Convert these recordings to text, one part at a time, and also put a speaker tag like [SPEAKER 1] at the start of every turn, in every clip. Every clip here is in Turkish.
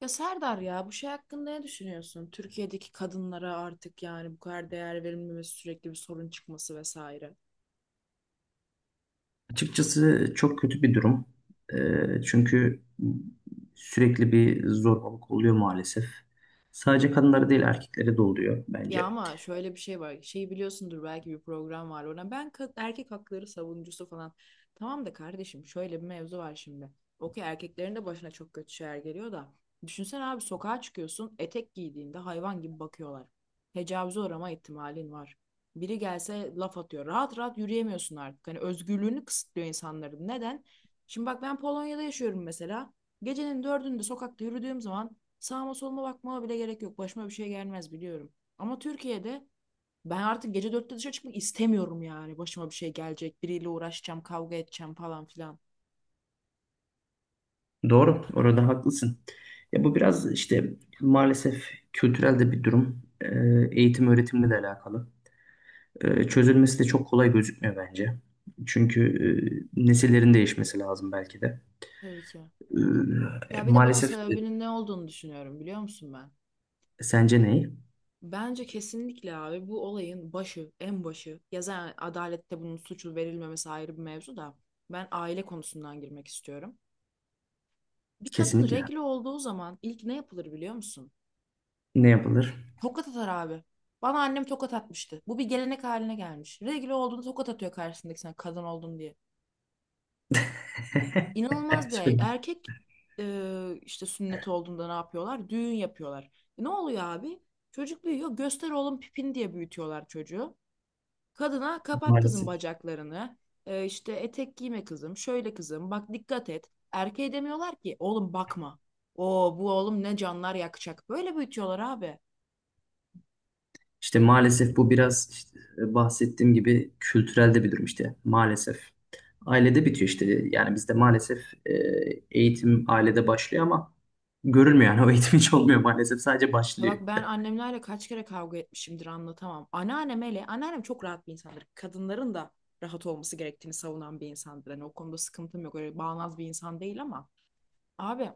[SPEAKER 1] Ya Serdar ya bu şey hakkında ne düşünüyorsun? Türkiye'deki kadınlara artık yani bu kadar değer verilmemesi, sürekli bir sorun çıkması vesaire.
[SPEAKER 2] Açıkçası çok kötü bir durum. Çünkü sürekli bir zorbalık oluyor maalesef. Sadece kadınlara değil erkeklere de oluyor
[SPEAKER 1] Ya
[SPEAKER 2] bence.
[SPEAKER 1] ama şöyle bir şey var. Şeyi biliyorsundur belki bir program var ona. Ben erkek hakları savunucusu falan. Tamam da kardeşim şöyle bir mevzu var şimdi. Okey, erkeklerin de başına çok kötü şeyler geliyor da. Düşünsene abi, sokağa çıkıyorsun, etek giydiğinde hayvan gibi bakıyorlar. Tecavüze uğrama ihtimalin var. Biri gelse laf atıyor. Rahat rahat yürüyemiyorsun artık. Hani özgürlüğünü kısıtlıyor insanların. Neden? Şimdi bak, ben Polonya'da yaşıyorum mesela. Gecenin dördünde sokakta yürüdüğüm zaman sağıma soluma bakmama bile gerek yok. Başıma bir şey gelmez biliyorum. Ama Türkiye'de ben artık gece dörtte dışarı çıkmak istemiyorum yani. Başıma bir şey gelecek. Biriyle uğraşacağım, kavga edeceğim falan filan.
[SPEAKER 2] Doğru, orada haklısın. Ya bu biraz maalesef kültürel de bir durum. Eğitim öğretimle de alakalı. Çözülmesi de çok kolay gözükmüyor bence. Çünkü nesillerin değişmesi lazım belki de.
[SPEAKER 1] Tabii ki.
[SPEAKER 2] Ee,
[SPEAKER 1] Ya bir de bunun
[SPEAKER 2] maalesef e,
[SPEAKER 1] sebebinin ne olduğunu düşünüyorum, biliyor musun ben?
[SPEAKER 2] sence ne?
[SPEAKER 1] Bence kesinlikle abi bu olayın başı, en başı. Ya zaten adalette bunun suçlu verilmemesi ayrı bir mevzu da. Ben aile konusundan girmek istiyorum. Bir kadın
[SPEAKER 2] Kesinlikle.
[SPEAKER 1] regl olduğu zaman ilk ne yapılır biliyor musun?
[SPEAKER 2] Ne yapılır?
[SPEAKER 1] Tokat atar abi. Bana annem tokat atmıştı. Bu bir gelenek haline gelmiş. Regl olduğunda tokat atıyor karşısındaki, sen kadın oldun diye. İnanılmaz bir erkek. İşte sünnet olduğunda ne yapıyorlar? Düğün yapıyorlar. E, ne oluyor abi? Çocuk büyüyor. Göster oğlum pipin diye büyütüyorlar çocuğu. Kadına kapat kızım
[SPEAKER 2] Maalesef.
[SPEAKER 1] bacaklarını. E, işte etek giyme kızım. Şöyle kızım. Bak dikkat et. Erkeğe demiyorlar ki oğlum bakma. O bu oğlum ne canlar yakacak. Böyle büyütüyorlar abi.
[SPEAKER 2] İşte maalesef bu biraz bahsettiğim gibi kültürelde bir durum işte maalesef. Ailede bitiyor işte, yani bizde maalesef e, eğitim ailede başlıyor ama görülmüyor, yani o eğitim hiç olmuyor maalesef, sadece
[SPEAKER 1] Ya
[SPEAKER 2] başlıyor.
[SPEAKER 1] bak, ben annemlerle kaç kere kavga etmişimdir anlatamam. Anneannem hele, anneannem çok rahat bir insandır. Kadınların da rahat olması gerektiğini savunan bir insandır. Hani o konuda sıkıntım yok. Öyle bağnaz bir insan değil ama. Abi,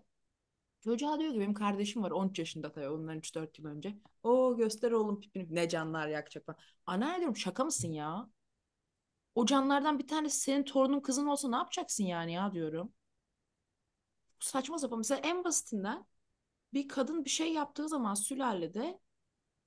[SPEAKER 1] çocuğa diyor ki benim kardeşim var 13 yaşında, tabii ondan 3-4 yıl önce. O göster oğlum pipini. Ne canlar yakacak falan. Anneanne diyorum, şaka mısın ya? O canlardan bir tanesi senin torunun, kızın olsa ne yapacaksın yani ya diyorum. Saçma sapan. Mesela en basitinden, bir kadın bir şey yaptığı zaman sülalede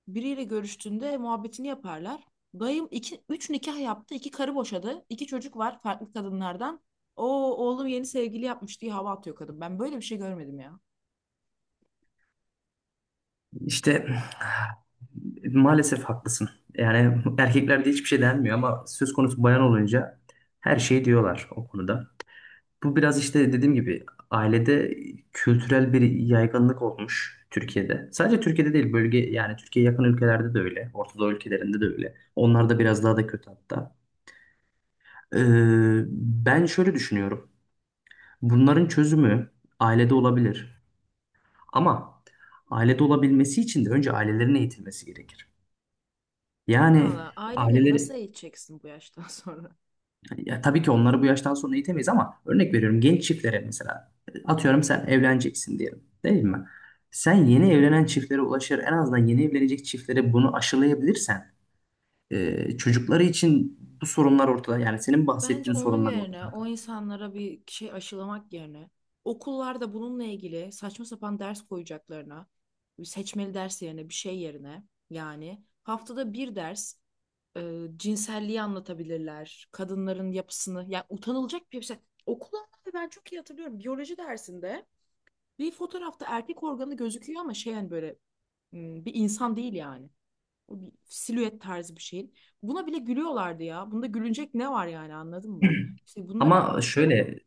[SPEAKER 1] biriyle görüştüğünde muhabbetini yaparlar. Dayım iki, üç nikah yaptı, iki karı boşadı, iki çocuk var farklı kadınlardan. O oğlum yeni sevgili yapmış diye hava atıyor kadın. Ben böyle bir şey görmedim ya.
[SPEAKER 2] İşte maalesef haklısın. Yani erkeklerde hiçbir şey denmiyor ama söz konusu bayan olunca her şeyi diyorlar o konuda. Bu biraz işte dediğim gibi ailede kültürel bir yaygınlık olmuş Türkiye'de. Sadece Türkiye'de değil bölge, yani Türkiye'ye yakın ülkelerde de öyle. Orta Doğu ülkelerinde de öyle. Onlar da biraz daha da kötü hatta. Ee, Ben şöyle düşünüyorum. Bunların çözümü ailede olabilir. Ama ailede olabilmesi için de önce ailelerin eğitilmesi gerekir. Yani
[SPEAKER 1] Valla aileleri nasıl
[SPEAKER 2] aileleri.
[SPEAKER 1] eğiteceksin bu yaştan sonra?
[SPEAKER 2] Ya tabii ki onları bu yaştan sonra eğitemeyiz ama örnek veriyorum, genç çiftlere mesela, atıyorum sen evleneceksin diyelim değil mi? Sen yeni evlenen çiftlere ulaşır, en azından yeni evlenecek çiftlere bunu aşılayabilirsen çocukları için bu sorunlar ortada, yani senin
[SPEAKER 1] Bence
[SPEAKER 2] bahsettiğin
[SPEAKER 1] onun
[SPEAKER 2] sorunlar
[SPEAKER 1] yerine
[SPEAKER 2] ortada.
[SPEAKER 1] o insanlara bir şey aşılamak yerine okullarda bununla ilgili saçma sapan ders koyacaklarına, bir seçmeli ders yerine, bir şey yerine, yani haftada bir ders cinselliği anlatabilirler. Kadınların yapısını, yani utanılacak bir şey. Okula, ben çok iyi hatırlıyorum biyoloji dersinde bir fotoğrafta erkek organı gözüküyor ama şey yani böyle, bir insan değil yani. O silüet tarzı bir şeyin. Buna bile gülüyorlardı ya. Bunda gülünecek ne var yani, anladın mı? İşte bunlara.
[SPEAKER 2] Ama şöyle,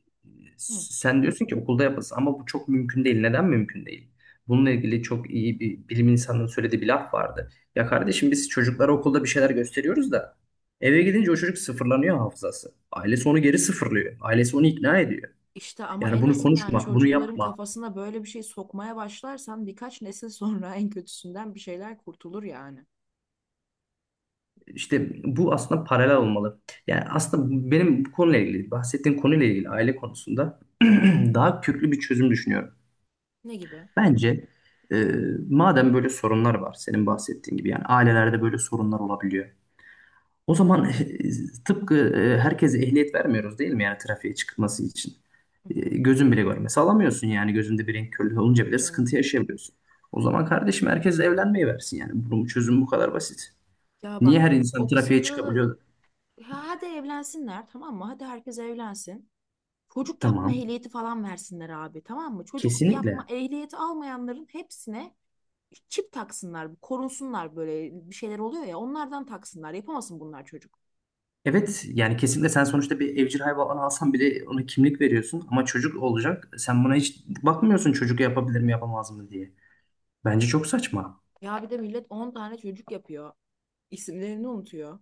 [SPEAKER 1] Hı.
[SPEAKER 2] sen diyorsun ki okulda yapılsın ama bu çok mümkün değil. Neden mümkün değil? Bununla ilgili çok iyi bir bilim insanının söylediği bir laf vardı. Ya kardeşim, biz çocuklara okulda bir şeyler gösteriyoruz da eve gidince o çocuk sıfırlanıyor hafızası. Ailesi onu geri sıfırlıyor. Ailesi onu ikna ediyor.
[SPEAKER 1] işte ama
[SPEAKER 2] Yani
[SPEAKER 1] en
[SPEAKER 2] bunu
[SPEAKER 1] azından
[SPEAKER 2] konuşma, bunu
[SPEAKER 1] çocukların
[SPEAKER 2] yapma.
[SPEAKER 1] kafasına böyle bir şey sokmaya başlarsan birkaç nesil sonra en kötüsünden bir şeyler kurtulur yani.
[SPEAKER 2] İşte bu aslında paralel olmalı. Yani aslında benim bu konuyla ilgili, bahsettiğim konuyla ilgili aile konusunda daha köklü bir çözüm düşünüyorum.
[SPEAKER 1] Ne gibi?
[SPEAKER 2] Bence e, madem böyle sorunlar var senin bahsettiğin gibi, yani ailelerde böyle sorunlar olabiliyor. O zaman tıpkı herkese ehliyet vermiyoruz değil mi, yani trafiğe çıkması için.
[SPEAKER 1] Hı
[SPEAKER 2] E,
[SPEAKER 1] hı.
[SPEAKER 2] gözün bile görmesi alamıyorsun, yani gözünde bir renk körlüğü olunca
[SPEAKER 1] Tabii
[SPEAKER 2] bile
[SPEAKER 1] canım.
[SPEAKER 2] sıkıntı yaşayabiliyorsun. O zaman kardeşim herkes evlenmeyi versin, yani bunun çözümü bu kadar basit.
[SPEAKER 1] Ya
[SPEAKER 2] Niye
[SPEAKER 1] bak,
[SPEAKER 2] her insan
[SPEAKER 1] o
[SPEAKER 2] trafiğe
[SPEAKER 1] kısımda da
[SPEAKER 2] çıkabiliyor?
[SPEAKER 1] hadi evlensinler, tamam mı? Hadi herkes evlensin. Çocuk yapma
[SPEAKER 2] Tamam,
[SPEAKER 1] ehliyeti falan versinler abi, tamam mı? Çocuk yapma
[SPEAKER 2] kesinlikle.
[SPEAKER 1] ehliyeti almayanların hepsine çip taksınlar, korunsunlar, böyle bir şeyler oluyor ya, onlardan taksınlar. Yapamasın bunlar çocuk.
[SPEAKER 2] Evet yani kesinlikle, sen sonuçta bir evcil hayvan alsan bile ona kimlik veriyorsun ama çocuk olacak. Sen buna hiç bakmıyorsun çocuk yapabilir mi yapamaz mı diye. Bence çok saçma.
[SPEAKER 1] Ya bir de millet 10 tane çocuk yapıyor. İsimlerini unutuyor.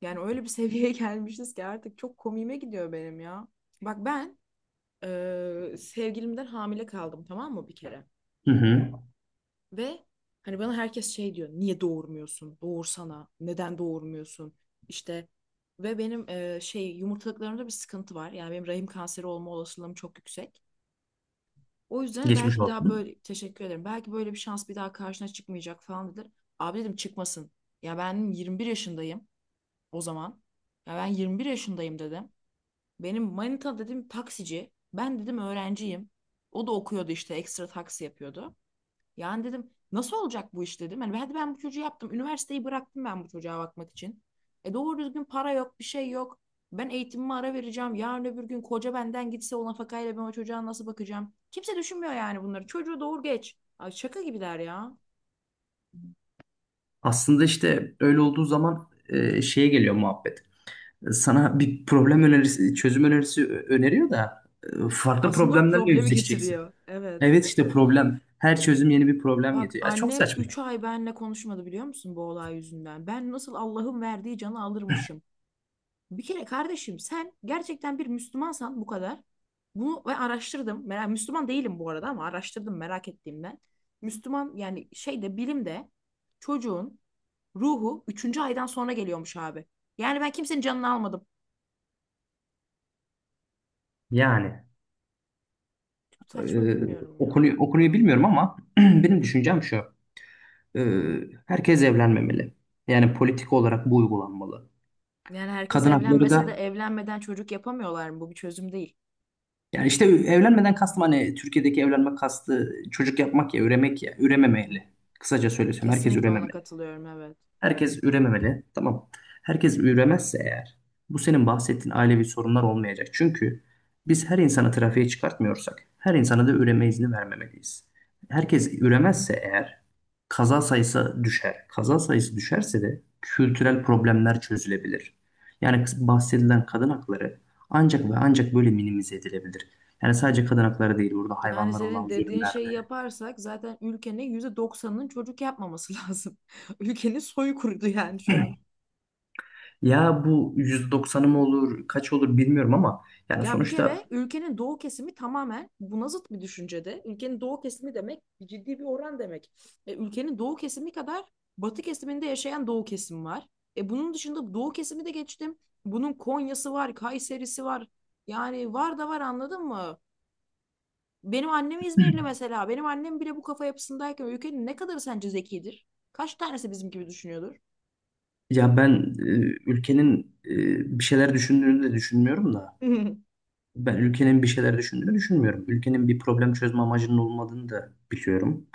[SPEAKER 1] Yani öyle bir seviyeye gelmişiz ki artık çok komiğime gidiyor benim ya. Bak ben sevgilimden hamile kaldım tamam mı, bir kere?
[SPEAKER 2] Hı hı.
[SPEAKER 1] Ve hani bana herkes şey diyor. Niye doğurmuyorsun? Doğursana. Neden doğurmuyorsun? İşte ve benim şey, yumurtalıklarımda bir sıkıntı var. Yani benim rahim kanseri olma olasılığım çok yüksek. O yüzden
[SPEAKER 2] Geçmiş
[SPEAKER 1] belki bir daha
[SPEAKER 2] olsun.
[SPEAKER 1] böyle teşekkür ederim. Belki böyle bir şans bir daha karşına çıkmayacak falan dediler. Abi, dedim, çıkmasın. Ya ben 21 yaşındayım o zaman. Ya ben 21 yaşındayım dedim. Benim manita dedim taksici. Ben dedim öğrenciyim. O da okuyordu, işte ekstra taksi yapıyordu. Yani dedim nasıl olacak bu iş dedim. Hani hadi ben bu çocuğu yaptım. Üniversiteyi bıraktım ben bu çocuğa bakmak için. E doğru düzgün para yok, bir şey yok. Ben eğitimime ara vereceğim. Yarın öbür gün koca benden gitse, o nafakayla ben o çocuğa nasıl bakacağım? Kimse düşünmüyor yani bunları. Çocuğu doğur geç. Ay şaka gibiler ya.
[SPEAKER 2] Aslında işte öyle olduğu zaman şeye geliyor muhabbet. Sana bir problem önerisi, çözüm önerisi öneriyor da farklı
[SPEAKER 1] Aslında o
[SPEAKER 2] problemlerle
[SPEAKER 1] problemi
[SPEAKER 2] yüzleşeceksin.
[SPEAKER 1] getiriyor. Evet.
[SPEAKER 2] Evet işte problem. Her çözüm yeni bir problem
[SPEAKER 1] Bak
[SPEAKER 2] getiriyor. Ya çok
[SPEAKER 1] annem
[SPEAKER 2] saçma.
[SPEAKER 1] 3 ay benimle konuşmadı biliyor musun, bu olay yüzünden. Ben nasıl Allah'ın verdiği canı alırmışım. Bir kere kardeşim sen gerçekten bir Müslümansan bu kadar. Bunu ve araştırdım. Merak, Müslüman değilim bu arada ama araştırdım merak ettiğimden. Müslüman yani şeyde, bilimde çocuğun ruhu üçüncü aydan sonra geliyormuş abi. Yani ben kimsenin canını almadım.
[SPEAKER 2] Yani
[SPEAKER 1] Saçma,
[SPEAKER 2] e,
[SPEAKER 1] bilmiyorum
[SPEAKER 2] o
[SPEAKER 1] ya.
[SPEAKER 2] konuyu, o konuyu bilmiyorum ama benim düşüncem şu. e, Herkes evlenmemeli. Yani politik olarak bu uygulanmalı.
[SPEAKER 1] Yani herkes
[SPEAKER 2] Kadın hakları
[SPEAKER 1] evlenmese de
[SPEAKER 2] da,
[SPEAKER 1] evlenmeden çocuk yapamıyorlar mı? Bu bir çözüm değil.
[SPEAKER 2] yani işte evlenmeden kastım hani Türkiye'deki evlenme kastı çocuk yapmak ya üremek, ya
[SPEAKER 1] Hı.
[SPEAKER 2] ürememeli. Kısaca söylesem herkes
[SPEAKER 1] Kesinlikle ona
[SPEAKER 2] ürememeli.
[SPEAKER 1] katılıyorum, evet.
[SPEAKER 2] Herkes ürememeli. Tamam. Herkes üremezse eğer bu senin bahsettiğin ailevi sorunlar olmayacak. Çünkü biz her insanı trafiğe çıkartmıyorsak her insana da üreme izni vermemeliyiz. Herkes üremezse eğer kaza sayısı düşer. Kaza sayısı düşerse de kültürel problemler çözülebilir. Yani bahsedilen kadın hakları ancak ve ancak böyle minimize edilebilir. Yani sadece kadın hakları değil, burada
[SPEAKER 1] Yani
[SPEAKER 2] hayvanlara
[SPEAKER 1] senin
[SPEAKER 2] olan
[SPEAKER 1] dediğin
[SPEAKER 2] zulümler
[SPEAKER 1] şeyi
[SPEAKER 2] de.
[SPEAKER 1] yaparsak zaten ülkenin %90'ının çocuk yapmaması lazım. Ülkenin soyu kurudu yani şu an.
[SPEAKER 2] Ya bu 190'ı mı olur kaç olur bilmiyorum ama yani
[SPEAKER 1] Ya bir
[SPEAKER 2] sonuçta.
[SPEAKER 1] kere ülkenin doğu kesimi tamamen buna zıt bir düşüncede. Ülkenin doğu kesimi demek ciddi bir oran demek. E, ülkenin doğu kesimi kadar batı kesiminde yaşayan doğu kesimi var. E, bunun dışında doğu kesimi de geçtim. Bunun Konya'sı var, Kayseri'si var. Yani var da var, anladın mı? Benim annem İzmirli mesela. Benim annem bile bu kafa yapısındayken ülkenin ne kadarı sence zekidir? Kaç tanesi bizim gibi düşünüyordur?
[SPEAKER 2] Ya ben ülkenin bir şeyler düşündüğünü de düşünmüyorum da ben ülkenin bir şeyler düşündüğünü düşünmüyorum. Ülkenin bir problem çözme amacının olmadığını da biliyorum.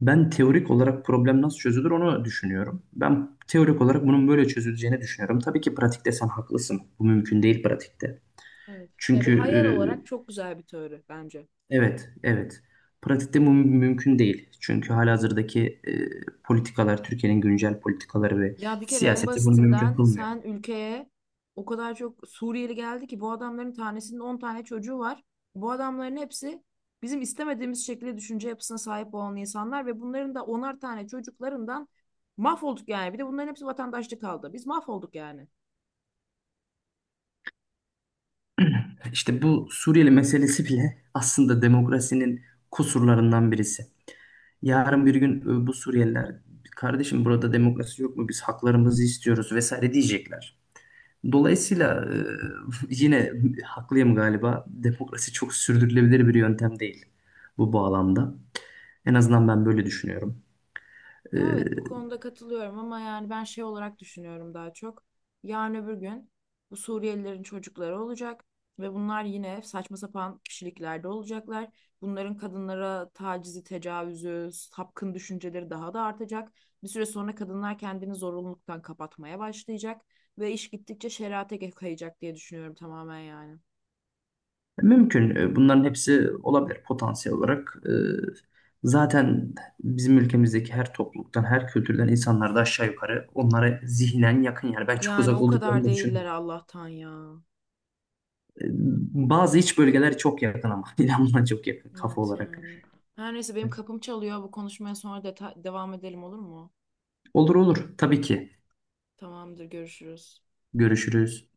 [SPEAKER 2] Ben teorik olarak problem nasıl çözülür onu düşünüyorum. Ben teorik olarak bunun böyle çözüleceğini düşünüyorum. Tabii ki pratikte sen haklısın. Bu mümkün değil pratikte.
[SPEAKER 1] Evet. Ya bir
[SPEAKER 2] Çünkü
[SPEAKER 1] hayal olarak çok güzel bir teori bence.
[SPEAKER 2] evet, evet. Pratikte bu mümkün değil. Çünkü halihazırdaki politikalar, Türkiye'nin güncel politikaları ve
[SPEAKER 1] Ya bir kere en
[SPEAKER 2] siyaseti bunu mümkün
[SPEAKER 1] basitinden
[SPEAKER 2] kılmıyor.
[SPEAKER 1] sen ülkeye o kadar çok Suriyeli geldi ki bu adamların tanesinin 10 tane çocuğu var. Bu adamların hepsi bizim istemediğimiz şekilde düşünce yapısına sahip olan insanlar ve bunların da 10'ar tane çocuklarından mahvolduk yani. Bir de bunların hepsi vatandaşlık aldı. Biz mahvolduk yani.
[SPEAKER 2] İşte bu Suriyeli meselesi bile aslında demokrasinin kusurlarından birisi. Yarın bir gün bu Suriyeliler kardeşim burada demokrasi yok mu, biz haklarımızı istiyoruz vesaire diyecekler. Dolayısıyla yine haklıyım galiba, demokrasi çok sürdürülebilir bir yöntem değil bu bağlamda. En azından ben böyle düşünüyorum. E,
[SPEAKER 1] Ya evet, bu konuda katılıyorum ama yani ben şey olarak düşünüyorum daha çok. Yarın öbür gün bu Suriyelilerin çocukları olacak ve bunlar yine saçma sapan kişiliklerde olacaklar. Bunların kadınlara tacizi, tecavüzü, sapkın düşünceleri daha da artacak. Bir süre sonra kadınlar kendini zorunluluktan kapatmaya başlayacak ve iş gittikçe şerate kayacak diye düşünüyorum, tamamen yani.
[SPEAKER 2] Mümkün. Bunların hepsi olabilir potansiyel olarak. Zaten bizim ülkemizdeki her topluluktan, her kültürden insanlar da aşağı yukarı onlara zihnen yakın. Yani ben çok
[SPEAKER 1] Yani
[SPEAKER 2] uzak
[SPEAKER 1] o kadar
[SPEAKER 2] olduklarını da
[SPEAKER 1] değiller
[SPEAKER 2] düşünmüyorum.
[SPEAKER 1] Allah'tan ya.
[SPEAKER 2] E, Bazı iç bölgeler çok yakın ama İnan buna çok yakın kafa
[SPEAKER 1] Evet
[SPEAKER 2] olarak.
[SPEAKER 1] yani. Her neyse, benim kapım çalıyor. Bu konuşmaya sonra devam edelim, olur mu?
[SPEAKER 2] Olur olur, tabii ki.
[SPEAKER 1] Tamamdır, görüşürüz.
[SPEAKER 2] Görüşürüz.